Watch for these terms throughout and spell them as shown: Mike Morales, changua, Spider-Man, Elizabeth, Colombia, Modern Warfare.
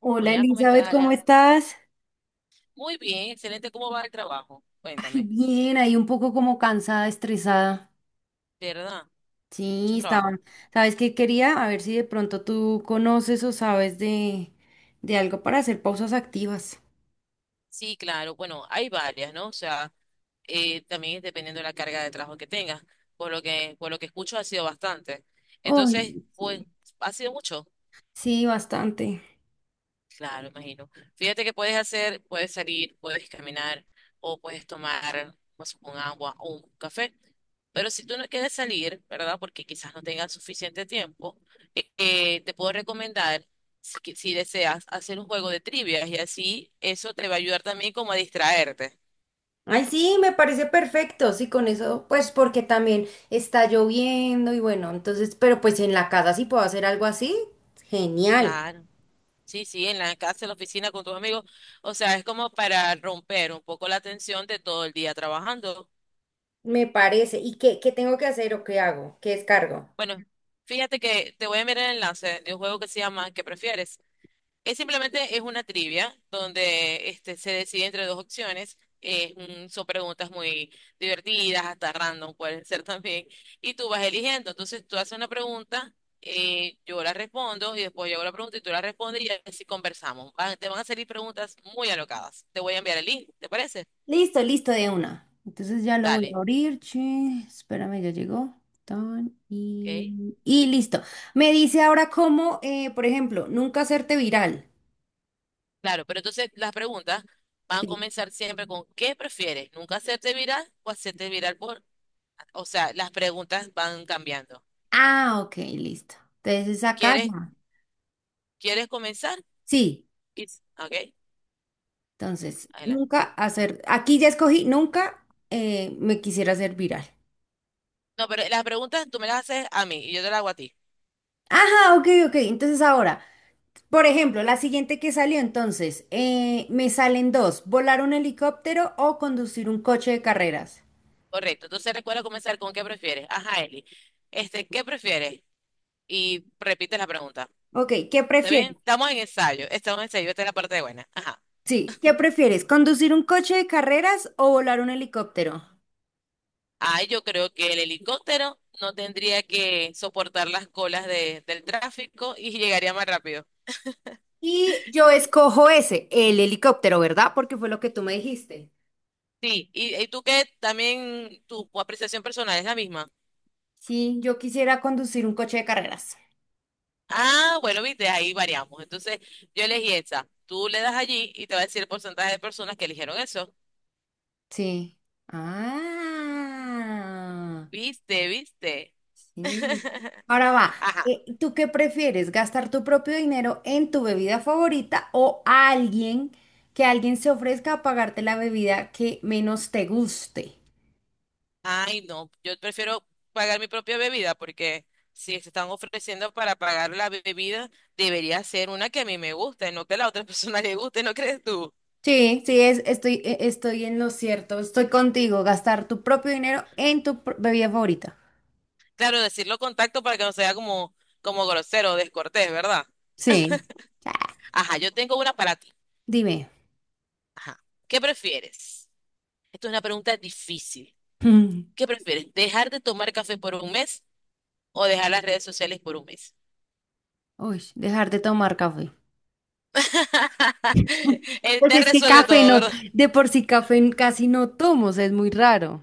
Hola Hola, ¿cómo estás, Elizabeth, ¿cómo Alejandro? estás? Muy bien, excelente. ¿Cómo va el trabajo? Ay, Cuéntame. bien, ahí un poco como cansada, estresada. ¿De verdad? Sí, ¿Mucho trabajo? estaban. ¿Sabes qué quería? A ver si de pronto tú conoces o sabes de algo para hacer pausas activas. Sí, claro. Bueno, hay varias, ¿no? O sea, también es dependiendo de la carga de trabajo que tengas. Por lo que escucho, ha sido bastante. Entonces, Ay, pues, sí. ha sido mucho. Sí, bastante. Claro, imagino. Fíjate que puedes hacer, puedes salir, puedes caminar o puedes tomar pues, un agua o un café. Pero si tú no quieres salir, ¿verdad? Porque quizás no tengas suficiente tiempo, te puedo recomendar, si deseas, hacer un juego de trivias y así eso te va a ayudar también como a distraerte. Ay, sí, me parece perfecto. Sí, con eso, pues porque también está lloviendo y bueno, entonces, pero pues en la casa sí puedo hacer algo así. Genial, Claro. Sí, sí, en la casa, en la oficina con tus amigos. O sea, es como para romper un poco la tensión de todo el día trabajando. me parece. ¿Y qué tengo que hacer o qué hago? ¿Qué descargo? Bueno, fíjate que te voy a enviar el enlace de un juego que se llama ¿Qué prefieres? Es simplemente es una trivia donde este, se decide entre dos opciones. Son preguntas muy divertidas, hasta random pueden ser también. Y tú vas eligiendo. Entonces tú haces una pregunta, yo la respondo y después yo hago la pregunta y tú la respondes y así conversamos. Van- te van a salir preguntas muy alocadas. Te voy a enviar el link, ¿te parece? Listo, listo de una. Entonces ya lo voy a Dale. abrir, che. Espérame, ya llegó. Tan, y, Ok. y listo. Me dice ahora cómo, por ejemplo, nunca hacerte viral. Claro, pero entonces las preguntas van a Sí. comenzar siempre con ¿qué prefieres? ¿Nunca hacerte viral o hacerte viral por? O sea, las preguntas van cambiando. Ah, ok, listo. Entonces es acá ¿Quieres, ya. quieres comenzar? Sí, Y- Ok, entonces, adelante. nunca hacer, aquí ya escogí, nunca me quisiera hacer viral. No, pero las preguntas tú me las haces a mí y yo te las hago a ti. Ajá, ok, ok. Entonces ahora, por ejemplo, la siguiente que salió entonces, me salen dos, volar un helicóptero o conducir un coche de carreras. Correcto. Entonces recuerda comenzar con ¿qué prefieres? Ajá, Eli. Este, ¿qué prefieres? Y repite la pregunta. Ok, ¿qué ¿Está bien? prefieres? Estamos en ensayo. Estamos en ensayo. Esta es la parte buena. Ajá. Sí, ¿qué prefieres? ¿Conducir un coche de carreras o volar un helicóptero? Ay, yo creo que el helicóptero no tendría que soportar las colas de, del tráfico y llegaría más rápido. Y yo escojo ese, el helicóptero, ¿verdad? Porque fue lo que tú me dijiste. Sí, y tú que también tu apreciación personal es la misma. Sí, yo quisiera conducir un coche de carreras. Ah, bueno, viste, ahí variamos. Entonces, yo elegí esa. Tú le das allí y te va a decir el porcentaje de personas que eligieron eso. Sí. Ah, Viste, viste. sí. Ahora va, Ajá, ¿tú qué prefieres? ¿Gastar tu propio dinero en tu bebida favorita o alguien se ofrezca a pagarte la bebida que menos te guste? ay, no, yo prefiero pagar mi propia bebida porque si se están ofreciendo para pagar la bebida, debería ser una que a mí me guste, no que a la otra persona le guste, ¿no crees tú? Sí, sí, estoy en lo cierto. Estoy contigo. Gastar tu propio dinero en tu bebida favorita. Claro, decirlo con tacto para que no sea como, como grosero o descortés, ¿verdad? Sí. Ajá, yo tengo una para ti. Dime. Ajá. ¿Qué prefieres? Esto es una pregunta difícil. Mm, ¿Qué prefieres? ¿Dejar de tomar café por un mes o dejar las redes sociales por un mes? Uy, dejar de tomar café. Él Pues te es que resuelve café todo, no, ¿verdad? de por sí café casi no tomo, o sea, es muy raro.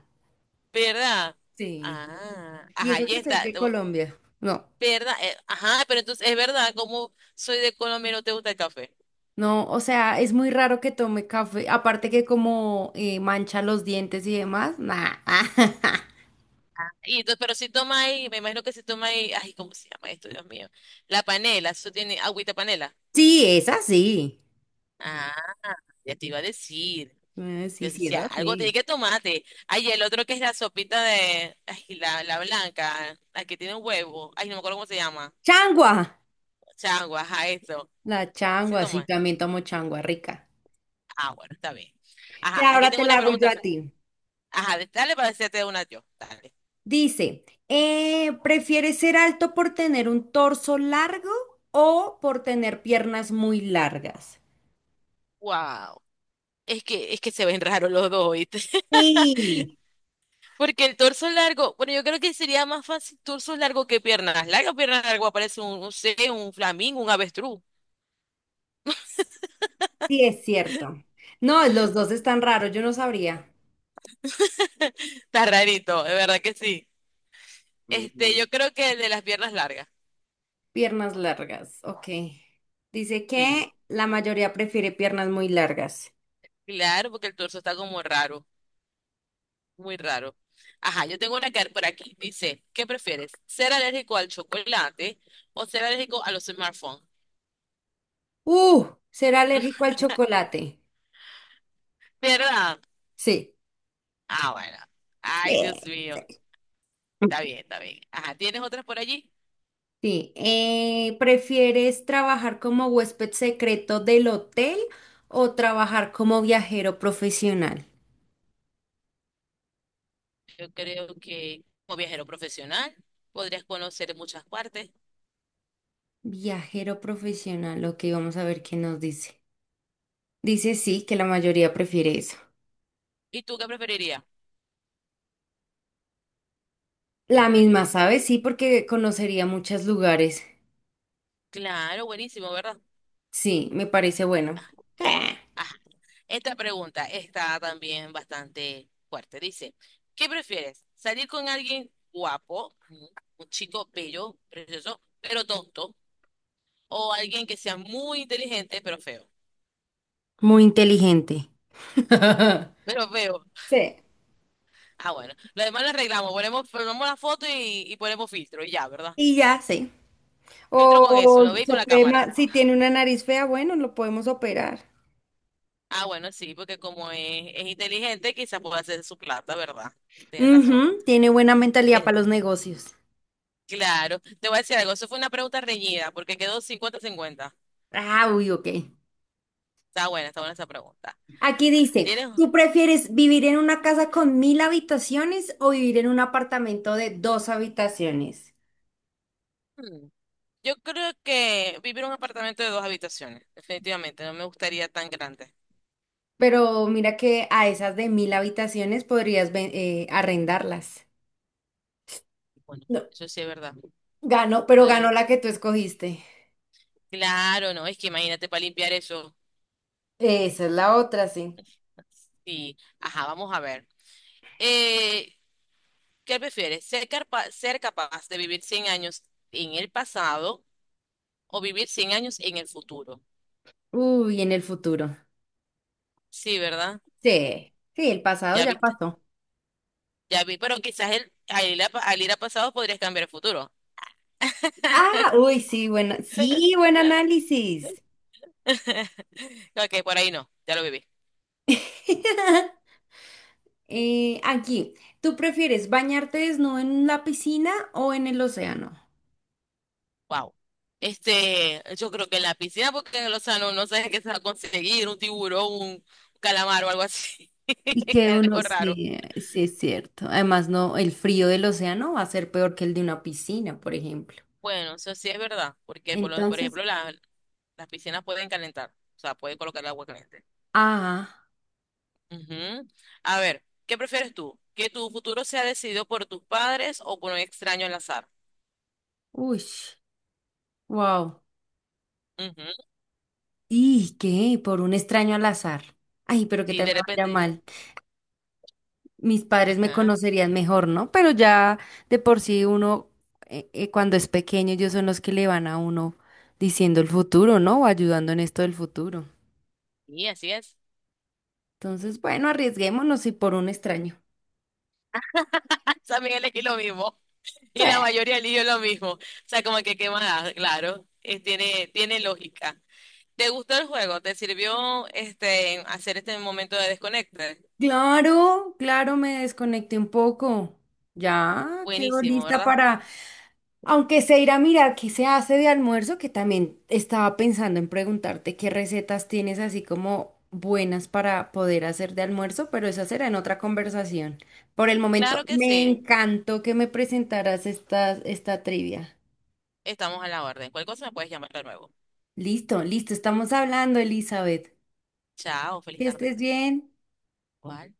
¿Verdad? Sí. Ah, Y ajá, eso ya que soy está. de Colombia. No, ¿Verdad? Ajá, pero entonces es verdad, como soy de Colombia y no te gusta el café. no, o sea, es muy raro que tome café. Aparte que como mancha los dientes y demás. Nah. Y entonces, pero si toma ahí, me imagino que si toma ahí, ay, ¿cómo se llama esto, Dios mío? La panela, eso tiene agüita panela. Sí, es así. Ah, ya te iba a decir. Sí, Yo sí, es decía, algo tiene así. que tomarte. Ay, el otro que es la sopita de, ay, la blanca, la que tiene un huevo. Ay, no me acuerdo cómo se llama. ¡Changua! Changua, ajá, eso. La Sí changua, sí, toma. también tomo changua rica. Ah, bueno, está bien. Y Ajá, aquí ahora te tengo la una hago yo pregunta. a ti. Ajá, dale para hacerte una yo. Dale. Dice, ¿prefieres ser alto por tener un torso largo o por tener piernas muy largas? Wow. Es que se ven raros los dos, ¿oíste? Sí, Porque el torso largo, bueno, yo creo que sería más fácil torso largo que piernas largas. Piernas largas parece un, no sé, un flamingo, un avestruz. sí es cierto. No, los dos están raros, yo no sabría. Está rarito, de verdad que sí. Este, yo Ujú. creo que el de las piernas largas. Piernas largas, ok. Dice Sí, que la mayoría prefiere piernas muy largas. claro, porque el torso está como raro, muy raro. Ajá, yo tengo una que por aquí. Dice, ¿qué prefieres? ¿Ser alérgico al chocolate o ser alérgico a los smartphones? ¿Será alérgico al chocolate? ¿Verdad? Sí. Ah, bueno. Ay, Sí. Dios mío. Sí. Está bien, está bien. Ajá, ¿tienes otras por allí? Sí, ¿prefieres trabajar como huésped secreto del hotel o trabajar como viajero profesional? Yo creo que como viajero profesional podrías conocer muchas partes. Viajero profesional, ok, vamos a ver qué nos dice. Dice sí, que la mayoría prefiere eso. ¿Y tú qué preferirías? ¿Qué La misma, preferirías tú? ¿sabes? Sí, porque conocería muchos lugares. Claro, buenísimo, ¿verdad? Sí, me parece bueno. Ajá. Esta pregunta está también bastante fuerte. Dice, ¿qué prefieres? ¿Salir con alguien guapo, ujú, un chico bello, precioso, pero tonto? ¿O alguien que sea muy inteligente, pero feo? Muy inteligente. Pero feo. Sí. Ah, bueno. Lo demás lo arreglamos. Ponemos, ponemos la foto y ponemos filtro y ya, ¿verdad? Y ya, sí. Filtro con eso, O lo veis se con la puede cámara. Si tiene una nariz fea, bueno, lo podemos operar. Ah, bueno, sí, porque como es inteligente, quizás pueda hacer su plata, ¿verdad? Tienes razón. Ujú, tiene buena mentalidad Eh, para los negocios. claro, te voy a decir algo, eso fue una pregunta reñida, porque quedó 50-50. Ah, uy, ok. Está buena esa pregunta. Aquí dice, Tienes... ¿tú prefieres vivir en una casa con 1.000 habitaciones o vivir en un apartamento de dos habitaciones? hmm, Yo creo que vivir en un apartamento de dos habitaciones, definitivamente, no me gustaría tan grande. Pero mira que a esas de 1.000 habitaciones podrías arrendarlas. Bueno, No, eso sí es verdad. ganó, pero Podría... ganó me- la que tú escogiste. Claro, no, es que imagínate para limpiar eso. Esa es la otra, sí. Sí, ajá, vamos a ver. Eh, ¿Qué prefieres? ¿Ser capaz de vivir 100 años en el pasado o vivir 100 años en el futuro? Uy, en el futuro. Sí, ¿verdad? Sí, sí, el pasado Ya ya viste, pasó. ya vi, pero quizás el, al ir a pasado podrías cambiar el futuro. Ah, uy, sí, bueno, sí, buen análisis. Ok, por ahí no, ya lo viví. Aquí, ¿tú prefieres bañarte desnudo en la piscina o en el océano? Wow. Este, yo creo que en la piscina, porque en el océano no sabes qué se va a conseguir, un tiburón, un calamar o algo así. Y que uno, Algo raro. sí, sí es cierto. Además, no, el frío del océano va a ser peor que el de una piscina, por ejemplo. Bueno, eso sí es verdad, porque por Entonces, ejemplo las piscinas pueden calentar, o sea, pueden colocar el agua caliente. ah, Ujú. A ver, ¿qué prefieres tú? ¿Que tu futuro sea decidido por tus padres o por un extraño al azar? uy, wow. Ujú. ¿Y qué? Por un extraño al azar. Ay, pero que Y tal de me vaya repente, mal. Mis padres me ajá, conocerían mejor, ¿no? Pero ya de por sí uno, cuando es pequeño, ellos son los que le van a uno diciendo el futuro, ¿no? O ayudando en esto del futuro. y así es. Entonces, bueno, arriesguémonos y por un extraño. También elegí lo mismo. Y Sí. la mayoría eligió lo mismo. O sea, como que qué más, claro. Tiene lógica. ¿Te gustó el juego? ¿Te sirvió este hacer este momento de desconecte? Claro, claro, me desconecté un poco. Ya quedo Buenísimo, lista ¿verdad? para, aunque sea ir a mirar qué se hace de almuerzo, que también estaba pensando en preguntarte qué recetas tienes así como buenas para poder hacer de almuerzo, pero esa será en otra conversación. Por el momento, Claro que me sí. encantó que me presentaras esta trivia. Estamos a la orden. Cualquier cosa me puedes llamar de nuevo. Listo, listo, estamos hablando, Elizabeth. Chao, feliz Que tarde. estés bien. Cuál